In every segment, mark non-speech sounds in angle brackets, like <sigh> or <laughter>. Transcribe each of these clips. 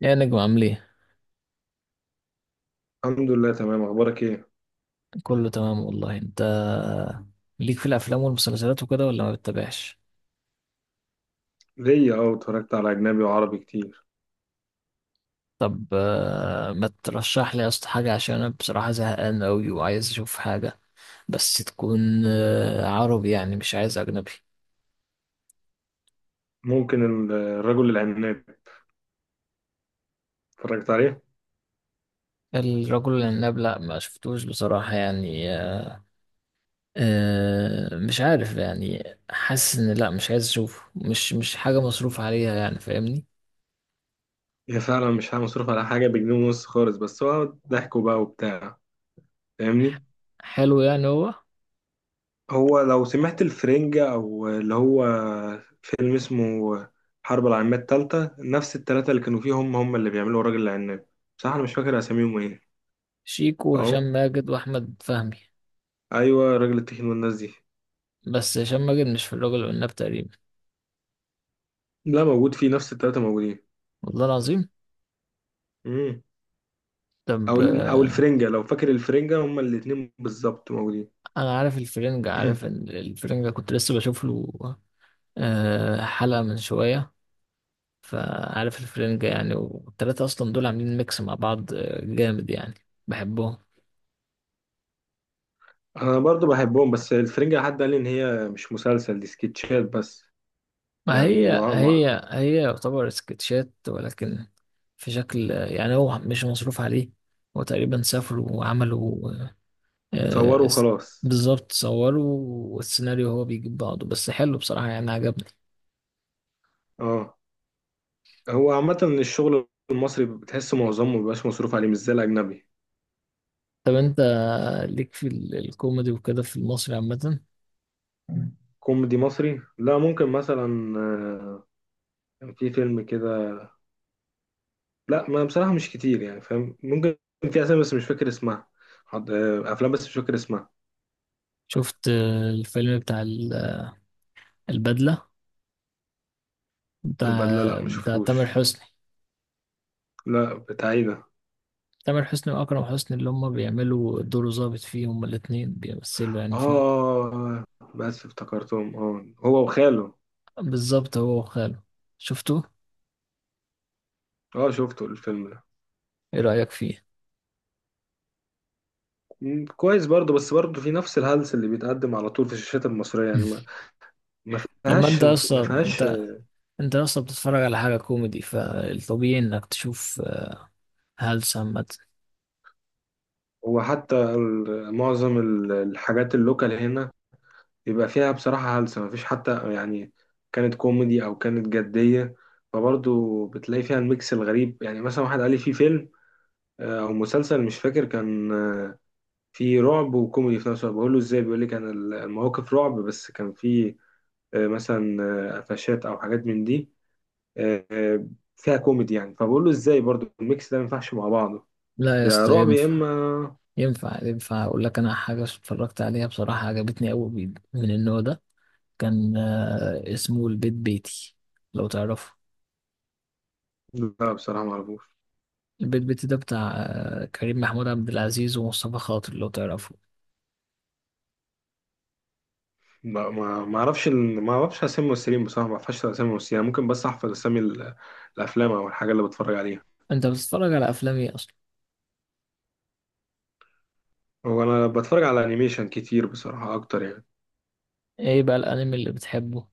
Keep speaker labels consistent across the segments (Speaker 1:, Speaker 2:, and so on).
Speaker 1: يا نجم عامل ايه؟
Speaker 2: الحمد لله، تمام. اخبارك ايه؟
Speaker 1: كله تمام والله. انت ليك في الافلام والمسلسلات وكده ولا ما بتتابعش؟
Speaker 2: ليا. اه، اتفرجت على اجنبي وعربي كتير.
Speaker 1: طب آه، ما ترشح لي يا اسطى حاجه، عشان انا بصراحه زهقان قوي وعايز اشوف حاجه، بس تكون عربي، يعني مش عايز اجنبي.
Speaker 2: ممكن الرجل العناب. اتفرجت عليه.
Speaker 1: الرجل العناب؟ لا ما شفتوش بصراحه يعني. مش عارف يعني. حاسس ان لا، مش عايز اشوفه، مش حاجه مصروف عليها يعني، فاهمني؟
Speaker 2: هي فعلا مش مصروف على حاجه، بجنيه ونص خالص، بس هو ضحكه بقى وبتاع. فاهمني؟
Speaker 1: حلو يعني هو.
Speaker 2: هو، لو سمعت الفرنجة، او اللي هو فيلم اسمه حرب العالميه الثالثه، نفس الثلاثه اللي كانوا فيهم هم اللي بيعملوا الرجل العناب. بصراحه انا مش فاكر اساميهم ايه.
Speaker 1: شيكو وهشام
Speaker 2: اه.
Speaker 1: ماجد واحمد فهمي.
Speaker 2: ايوه، راجل التخين والناس دي.
Speaker 1: بس هشام ماجد مش في الرجل والناب تقريبا.
Speaker 2: لا، موجود فيه، نفس الثلاثه موجودين.
Speaker 1: والله العظيم. طب
Speaker 2: او
Speaker 1: آه،
Speaker 2: الفرنجه، لو فاكر الفرنجه، هما الاتنين بالظبط موجودين.
Speaker 1: انا عارف الفرنجة، عارف
Speaker 2: <clears throat>
Speaker 1: ان الفرنجة كنت لسه بشوف له حلقة من شوية. فعارف الفرنجة يعني، والتلاتة اصلا دول عاملين ميكس مع بعض جامد يعني. بحبهم.
Speaker 2: انا برضو بحبهم، بس الفرنجه حد قال لي ان هي مش مسلسل، دي سكتشات بس.
Speaker 1: ما
Speaker 2: يعني
Speaker 1: هي
Speaker 2: ما.
Speaker 1: هي هي يعتبر سكتشات، ولكن في شكل، يعني هو مش مصروف عليه. هو تقريبا سافروا وعملوا،
Speaker 2: صوروا
Speaker 1: آه،
Speaker 2: وخلاص.
Speaker 1: بالظبط صوروا، والسيناريو هو بيجيب بعضه، بس حلو بصراحة يعني، عجبني.
Speaker 2: اه. هو عامه الشغل المصري بتحس معظمه مبيبقاش مصروف عليه، مش زي الاجنبي.
Speaker 1: طب انت ليك في الكوميدي وكده في المصري عامة؟
Speaker 2: كوميدي مصري؟ لا. ممكن مثلا كان في فيلم كده. لا، ما بصراحه مش كتير يعني، فاهم؟ ممكن. في اسامي، بس مش فاكر اسمها. افلام، بس مش فاكر اسمها.
Speaker 1: شفت الفيلم بتاع البدلة؟ بتاع
Speaker 2: البدله؟ لا، مش
Speaker 1: بتاع تامر
Speaker 2: شفتوش.
Speaker 1: حسني.
Speaker 2: لا، بتاع ايه ده؟
Speaker 1: تامر حسني وأكرم حسني، اللي هما بيعملوا دور ظابط فيه، هما الاتنين بيمثلوا يعني فيه.
Speaker 2: اه، بس افتكرتهم. اه، هو وخاله.
Speaker 1: بالظبط، هو وخاله. شفته؟
Speaker 2: اه، شفته الفيلم ده.
Speaker 1: ايه رأيك فيه؟
Speaker 2: كويس برضه، بس برضه في نفس الهلس اللي بيتقدم على طول في الشاشات المصرية،
Speaker 1: <laughs>
Speaker 2: يعني
Speaker 1: مم.
Speaker 2: ما. ما
Speaker 1: لما
Speaker 2: فيهاش.
Speaker 1: انت
Speaker 2: ما
Speaker 1: اصلا
Speaker 2: فيهاش.
Speaker 1: انت، انت اصلا بتتفرج على حاجة كوميدي، فالطبيعي انك تشوف هلس عامة.
Speaker 2: هو حتى معظم الحاجات اللوكال هنا يبقى فيها بصراحة هلس، ما فيش حتى يعني. كانت كوميدي أو كانت جدية، فبرضه بتلاقي فيها الميكس الغريب. يعني مثلا واحد قال لي في فيلم أو مسلسل مش فاكر، كان في رعب وكوميدي في نفس الوقت. بقول له ازاي؟ بيقول لي كان المواقف رعب، بس كان في مثلا قفشات او حاجات من دي آه، آه، فيها كوميدي يعني. فبقول له ازاي برضو الميكس ده ما ينفعش مع بعضه؟
Speaker 1: لا يا
Speaker 2: يا
Speaker 1: اسطى،
Speaker 2: رعب يا
Speaker 1: ينفع
Speaker 2: اما.
Speaker 1: ينفع ينفع. اقول لك انا حاجة اتفرجت عليها بصراحة عجبتني قوي من النوع ده، كان اسمه البيت بيتي، لو تعرفه.
Speaker 2: لا، بصراحه ما اعرفوش.
Speaker 1: البيت بيتي ده بتاع كريم محمود عبد العزيز ومصطفى خاطر، لو تعرفه.
Speaker 2: ما اعرفش اسامي الممثلين بصراحه، ما اعرفش اسامي الممثلين يعني. ممكن بس احفظ اسامي الافلام او الحاجه اللي بتفرج عليها.
Speaker 1: انت بتتفرج على افلام ايه اصلا؟
Speaker 2: هو انا بتفرج على انيميشن كتير بصراحه، اكتر يعني.
Speaker 1: ايه بقى الانمي اللي بتحبه؟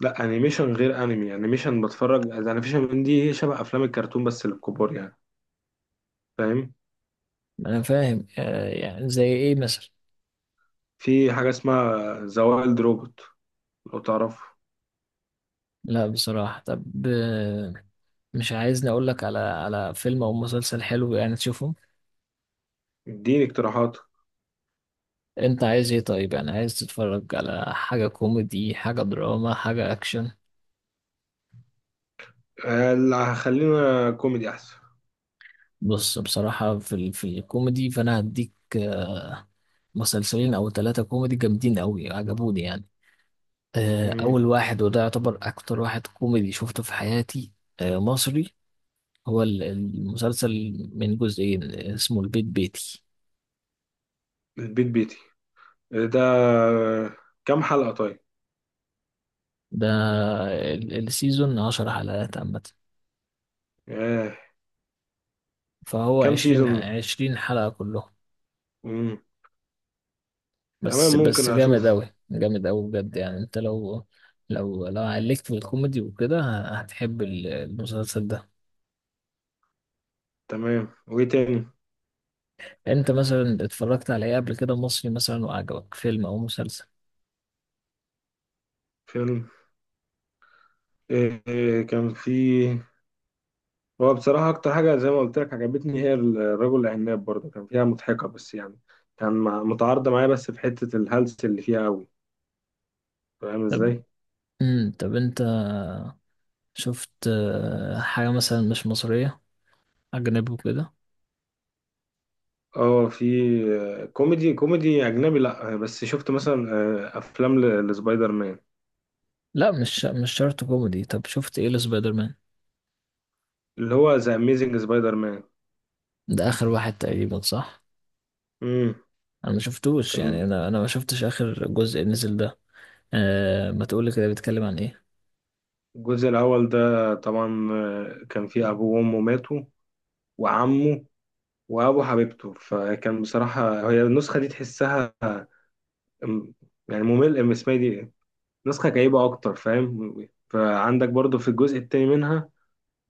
Speaker 2: لا، انيميشن غير انمي. انيميشن، بتفرج انيميشن من دي، شبه افلام الكرتون بس للكبار يعني. فاهم؟
Speaker 1: انا فاهم، يعني زي ايه مثلا؟
Speaker 2: في حاجة اسمها ذا وايلد روبوت، لو تعرفه.
Speaker 1: لا بصراحة. طب آه، مش عايزني اقول لك على على فيلم او مسلسل حلو يعني تشوفه؟
Speaker 2: اديني اقتراحات.
Speaker 1: انت عايز ايه طيب؟ يعني عايز تتفرج على حاجة كوميدي، حاجة دراما، حاجة اكشن؟
Speaker 2: اللي هخلينا كوميدي احسن.
Speaker 1: بص، بصراحة في في الكوميدي، فانا هديك مسلسلين او ثلاثة كوميدي جامدين قوي عجبوني يعني.
Speaker 2: مم.
Speaker 1: اول واحد، وده يعتبر اكتر واحد كوميدي شفته في حياتي، مصري، هو المسلسل من جزئين، اسمه البيت بيتي.
Speaker 2: البيت بيتي ده، كام حلقة طيب؟
Speaker 1: ده السيزون عشر حلقات عامة،
Speaker 2: آه.
Speaker 1: فهو
Speaker 2: كام
Speaker 1: عشرين،
Speaker 2: سيزون؟
Speaker 1: عشرين حلقة كلهم.
Speaker 2: مم. تمام،
Speaker 1: بس
Speaker 2: ممكن
Speaker 1: بس جامد
Speaker 2: اشوفه.
Speaker 1: أوي، جامد أوي، بجد يعني. أنت لو، لو عليك في الكوميدي وكده، هتحب المسلسل ده.
Speaker 2: تمام، وايه تاني؟
Speaker 1: أنت مثلا اتفرجت على إيه قبل كده مصري مثلا وعجبك فيلم أو مسلسل؟
Speaker 2: فيلم. آه. كان في. هو بصراحة أكتر حاجة زي ما قلت لك عجبتني هي الرجل العناب، برضه كان فيها مضحكة بس يعني. كان متعارضة معايا، بس في حتة الهلس اللي فيها أوي. فاهم
Speaker 1: طب،
Speaker 2: إزاي؟
Speaker 1: طب انت شفت حاجة مثلا مش مصرية، أجنبي وكده؟
Speaker 2: اه، في. كوميدي اجنبي؟ لا، بس شفت مثلا افلام لسبايدر مان.
Speaker 1: لا، مش مش شرط كوميدي. طب شفت ايه لسبايدر مان؟
Speaker 2: اللي هو ذا اميزنج سبايدر مان.
Speaker 1: ده آخر واحد تقريبا، صح؟
Speaker 2: امم.
Speaker 1: أنا ما شفتوش يعني،
Speaker 2: كان
Speaker 1: أنا ما شفتش آخر جزء نزل ده. أه، ما تقولي كده، بيتكلم عن ايه؟
Speaker 2: الجزء الاول ده طبعا كان فيه ابوه وامه ماتوا، وعمه، وابو حبيبته. فكان بصراحه هي النسخه دي تحسها أم- يعني ممل، اسمها دي إيه؟ نسخه كئيبه اكتر، فاهم؟ فعندك برضو في الجزء التاني منها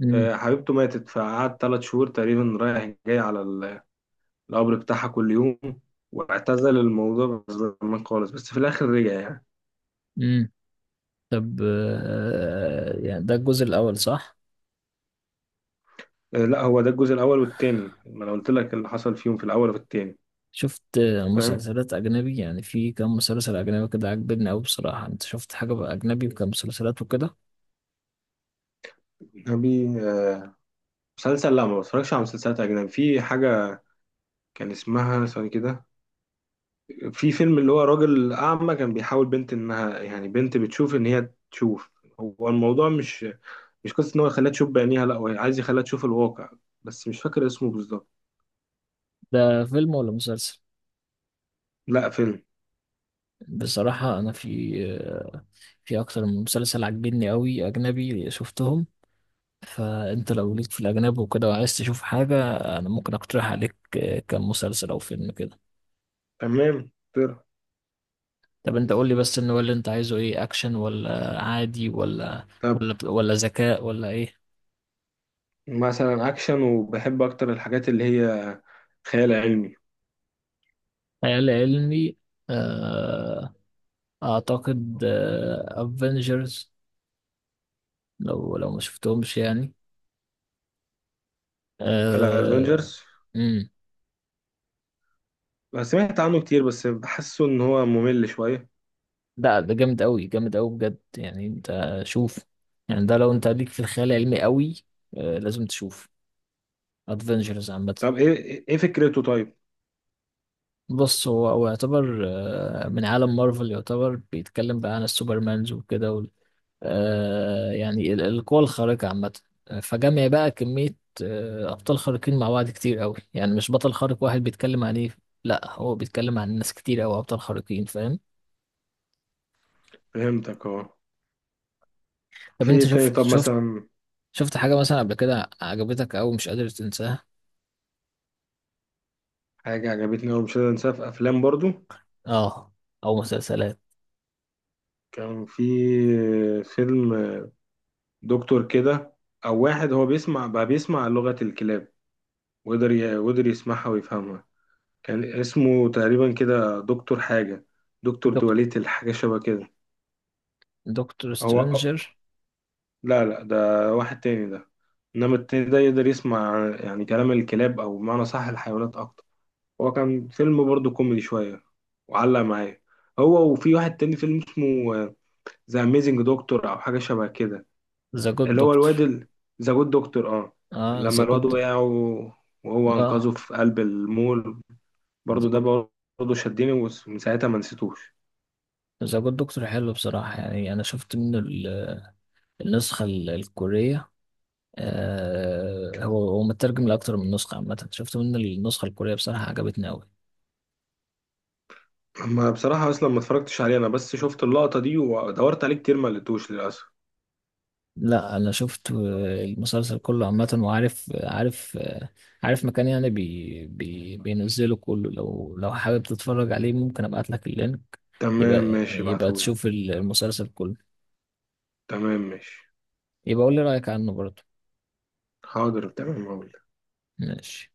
Speaker 1: امم.
Speaker 2: حبيبته ماتت، فقعد 3 شهور تقريبا رايح جاي على القبر بتاعها كل يوم، واعتزل الموضوع زمان خالص، بس في الآخر رجع يعني.
Speaker 1: امم، طب يعني ده الجزء الأول صح؟
Speaker 2: لا، هو ده الجزء الأول والتاني، ما أنا قلت لك اللي حصل فيهم في الأول وفي التاني.
Speaker 1: شفت
Speaker 2: فاهم؟
Speaker 1: مسلسلات أجنبي؟ يعني في كام مسلسل أجنبي كده عجبني أوي بصراحة. أنت شفت حاجة بقى أجنبي وكام مسلسلات وكده؟
Speaker 2: أبي مسلسل؟ لا، ما بتفرجش على مسلسلات أجنبي. في حاجة كان اسمها ثواني كده. في فيلم اللي هو راجل أعمى كان بيحاول بنت إنها يعني بنت بتشوف، إن هي تشوف. هو الموضوع مش قصة إن هو يخليها تشوف بعينيها، لا، هو عايز يخليها تشوف الواقع. بس مش فاكر اسمه بالظبط.
Speaker 1: ده فيلم ولا مسلسل؟
Speaker 2: لا، فيلم.
Speaker 1: بصراحة أنا في، في أكتر من مسلسل عجبني أوي أجنبي شفتهم. فأنت لو ليك في الأجنبي وكده وعايز تشوف حاجة، أنا ممكن أقترح عليك كم مسلسل أو فيلم كده.
Speaker 2: تمام.
Speaker 1: طب أنت قول لي بس إن هو اللي أنت عايزه إيه، أكشن ولا عادي ولا
Speaker 2: طيب
Speaker 1: ولا ولا ذكاء ولا إيه؟
Speaker 2: مثلا اكشن، وبحب اكتر الحاجات اللي هي خيال علمي.
Speaker 1: خيال علمي. آه، أعتقد أفنجرز، لو لو ما شفتهمش يعني.
Speaker 2: على
Speaker 1: آه،
Speaker 2: ادفنجرز؟ سمعت عنه كتير، بس بحسه ان هو ممل شويه.
Speaker 1: ده جامد قوي، جامد قوي بجد يعني. انت شوف، يعني ده لو انت ليك في الخيال العلمي قوي، لازم تشوف ادفنجرز عامه.
Speaker 2: طب ايه فكرته طيب؟
Speaker 1: بص، هو هو يعتبر من عالم مارفل، يعتبر بيتكلم بقى عن السوبرمانز وكده وال- آه، يعني القوى الخارقه عامه. فجمع بقى كميه ابطال خارقين مع بعض كتير قوي، يعني مش بطل خارق واحد بيتكلم عن ايه، لا هو بيتكلم عن ناس كتير قوي ابطال خارقين، فاهم؟
Speaker 2: فهمتك. اه،
Speaker 1: طب
Speaker 2: في
Speaker 1: انت
Speaker 2: إيه تاني
Speaker 1: شفت،
Speaker 2: طب
Speaker 1: شفت
Speaker 2: مثلا؟
Speaker 1: شفت حاجه مثلا قبل كده عجبتك او مش قادر تنساها؟
Speaker 2: حاجه عجبتني أوي مش قادر انساها في افلام برضو.
Speaker 1: اه، او مسلسلات.
Speaker 2: كان في فيلم دكتور كده، او واحد هو بيسمع بقى، بيسمع لغه الكلاب، وقدر يسمعها ويفهمها. كان اسمه تقريبا كده دكتور حاجه. دكتور
Speaker 1: دكتور،
Speaker 2: دواليت، الحاجه شبه كده.
Speaker 1: دكتور
Speaker 2: هو؟
Speaker 1: سترينجر؟
Speaker 2: لا، لا، ده واحد تاني ده. انما التاني ده يقدر يسمع يعني كلام الكلاب، او بمعنى صح الحيوانات اكتر. هو كان فيلم برضه كوميدي شويه، وعلق معايا. هو، وفي واحد تاني فيلم اسمه ذا اميزنج دكتور او حاجه شبه كده.
Speaker 1: ذا جود
Speaker 2: اللي هو الواد.
Speaker 1: دكتور؟
Speaker 2: ذا جود دكتور، اه.
Speaker 1: اه
Speaker 2: لما
Speaker 1: ذا
Speaker 2: الواد
Speaker 1: جود،
Speaker 2: وقع وهو
Speaker 1: اه
Speaker 2: انقذه في قلب المول،
Speaker 1: ذا
Speaker 2: برضه ده
Speaker 1: جود.
Speaker 2: برضه شدني، ومن ساعتها ما نسيتوش.
Speaker 1: ذا جود دكتور حلو بصراحة يعني. انا شفت منه النسخة الكورية. آه، هو هو مترجم لأكتر من نسخة عامة. شفت منه النسخة الكورية بصراحة عجبتني أوي.
Speaker 2: ما بصراحه اصلا ما اتفرجتش عليه انا، بس شفت اللقطه دي ودورت عليه كتير ما لقيتوش للاسف.
Speaker 1: لا انا شفت المسلسل كله عامة، وعارف، عارف عارف مكان يعني بي بينزله كله، لو لو حابب تتفرج عليه ممكن ابعت لك اللينك.
Speaker 2: تمام
Speaker 1: يبقى،
Speaker 2: ماشي،
Speaker 1: يبقى
Speaker 2: ابعتهولي.
Speaker 1: تشوف المسلسل كله.
Speaker 2: تمام ماشي.
Speaker 1: يبقى قول لي رأيك عنه برضه.
Speaker 2: حاضر، تمام، هقول.
Speaker 1: ماشي.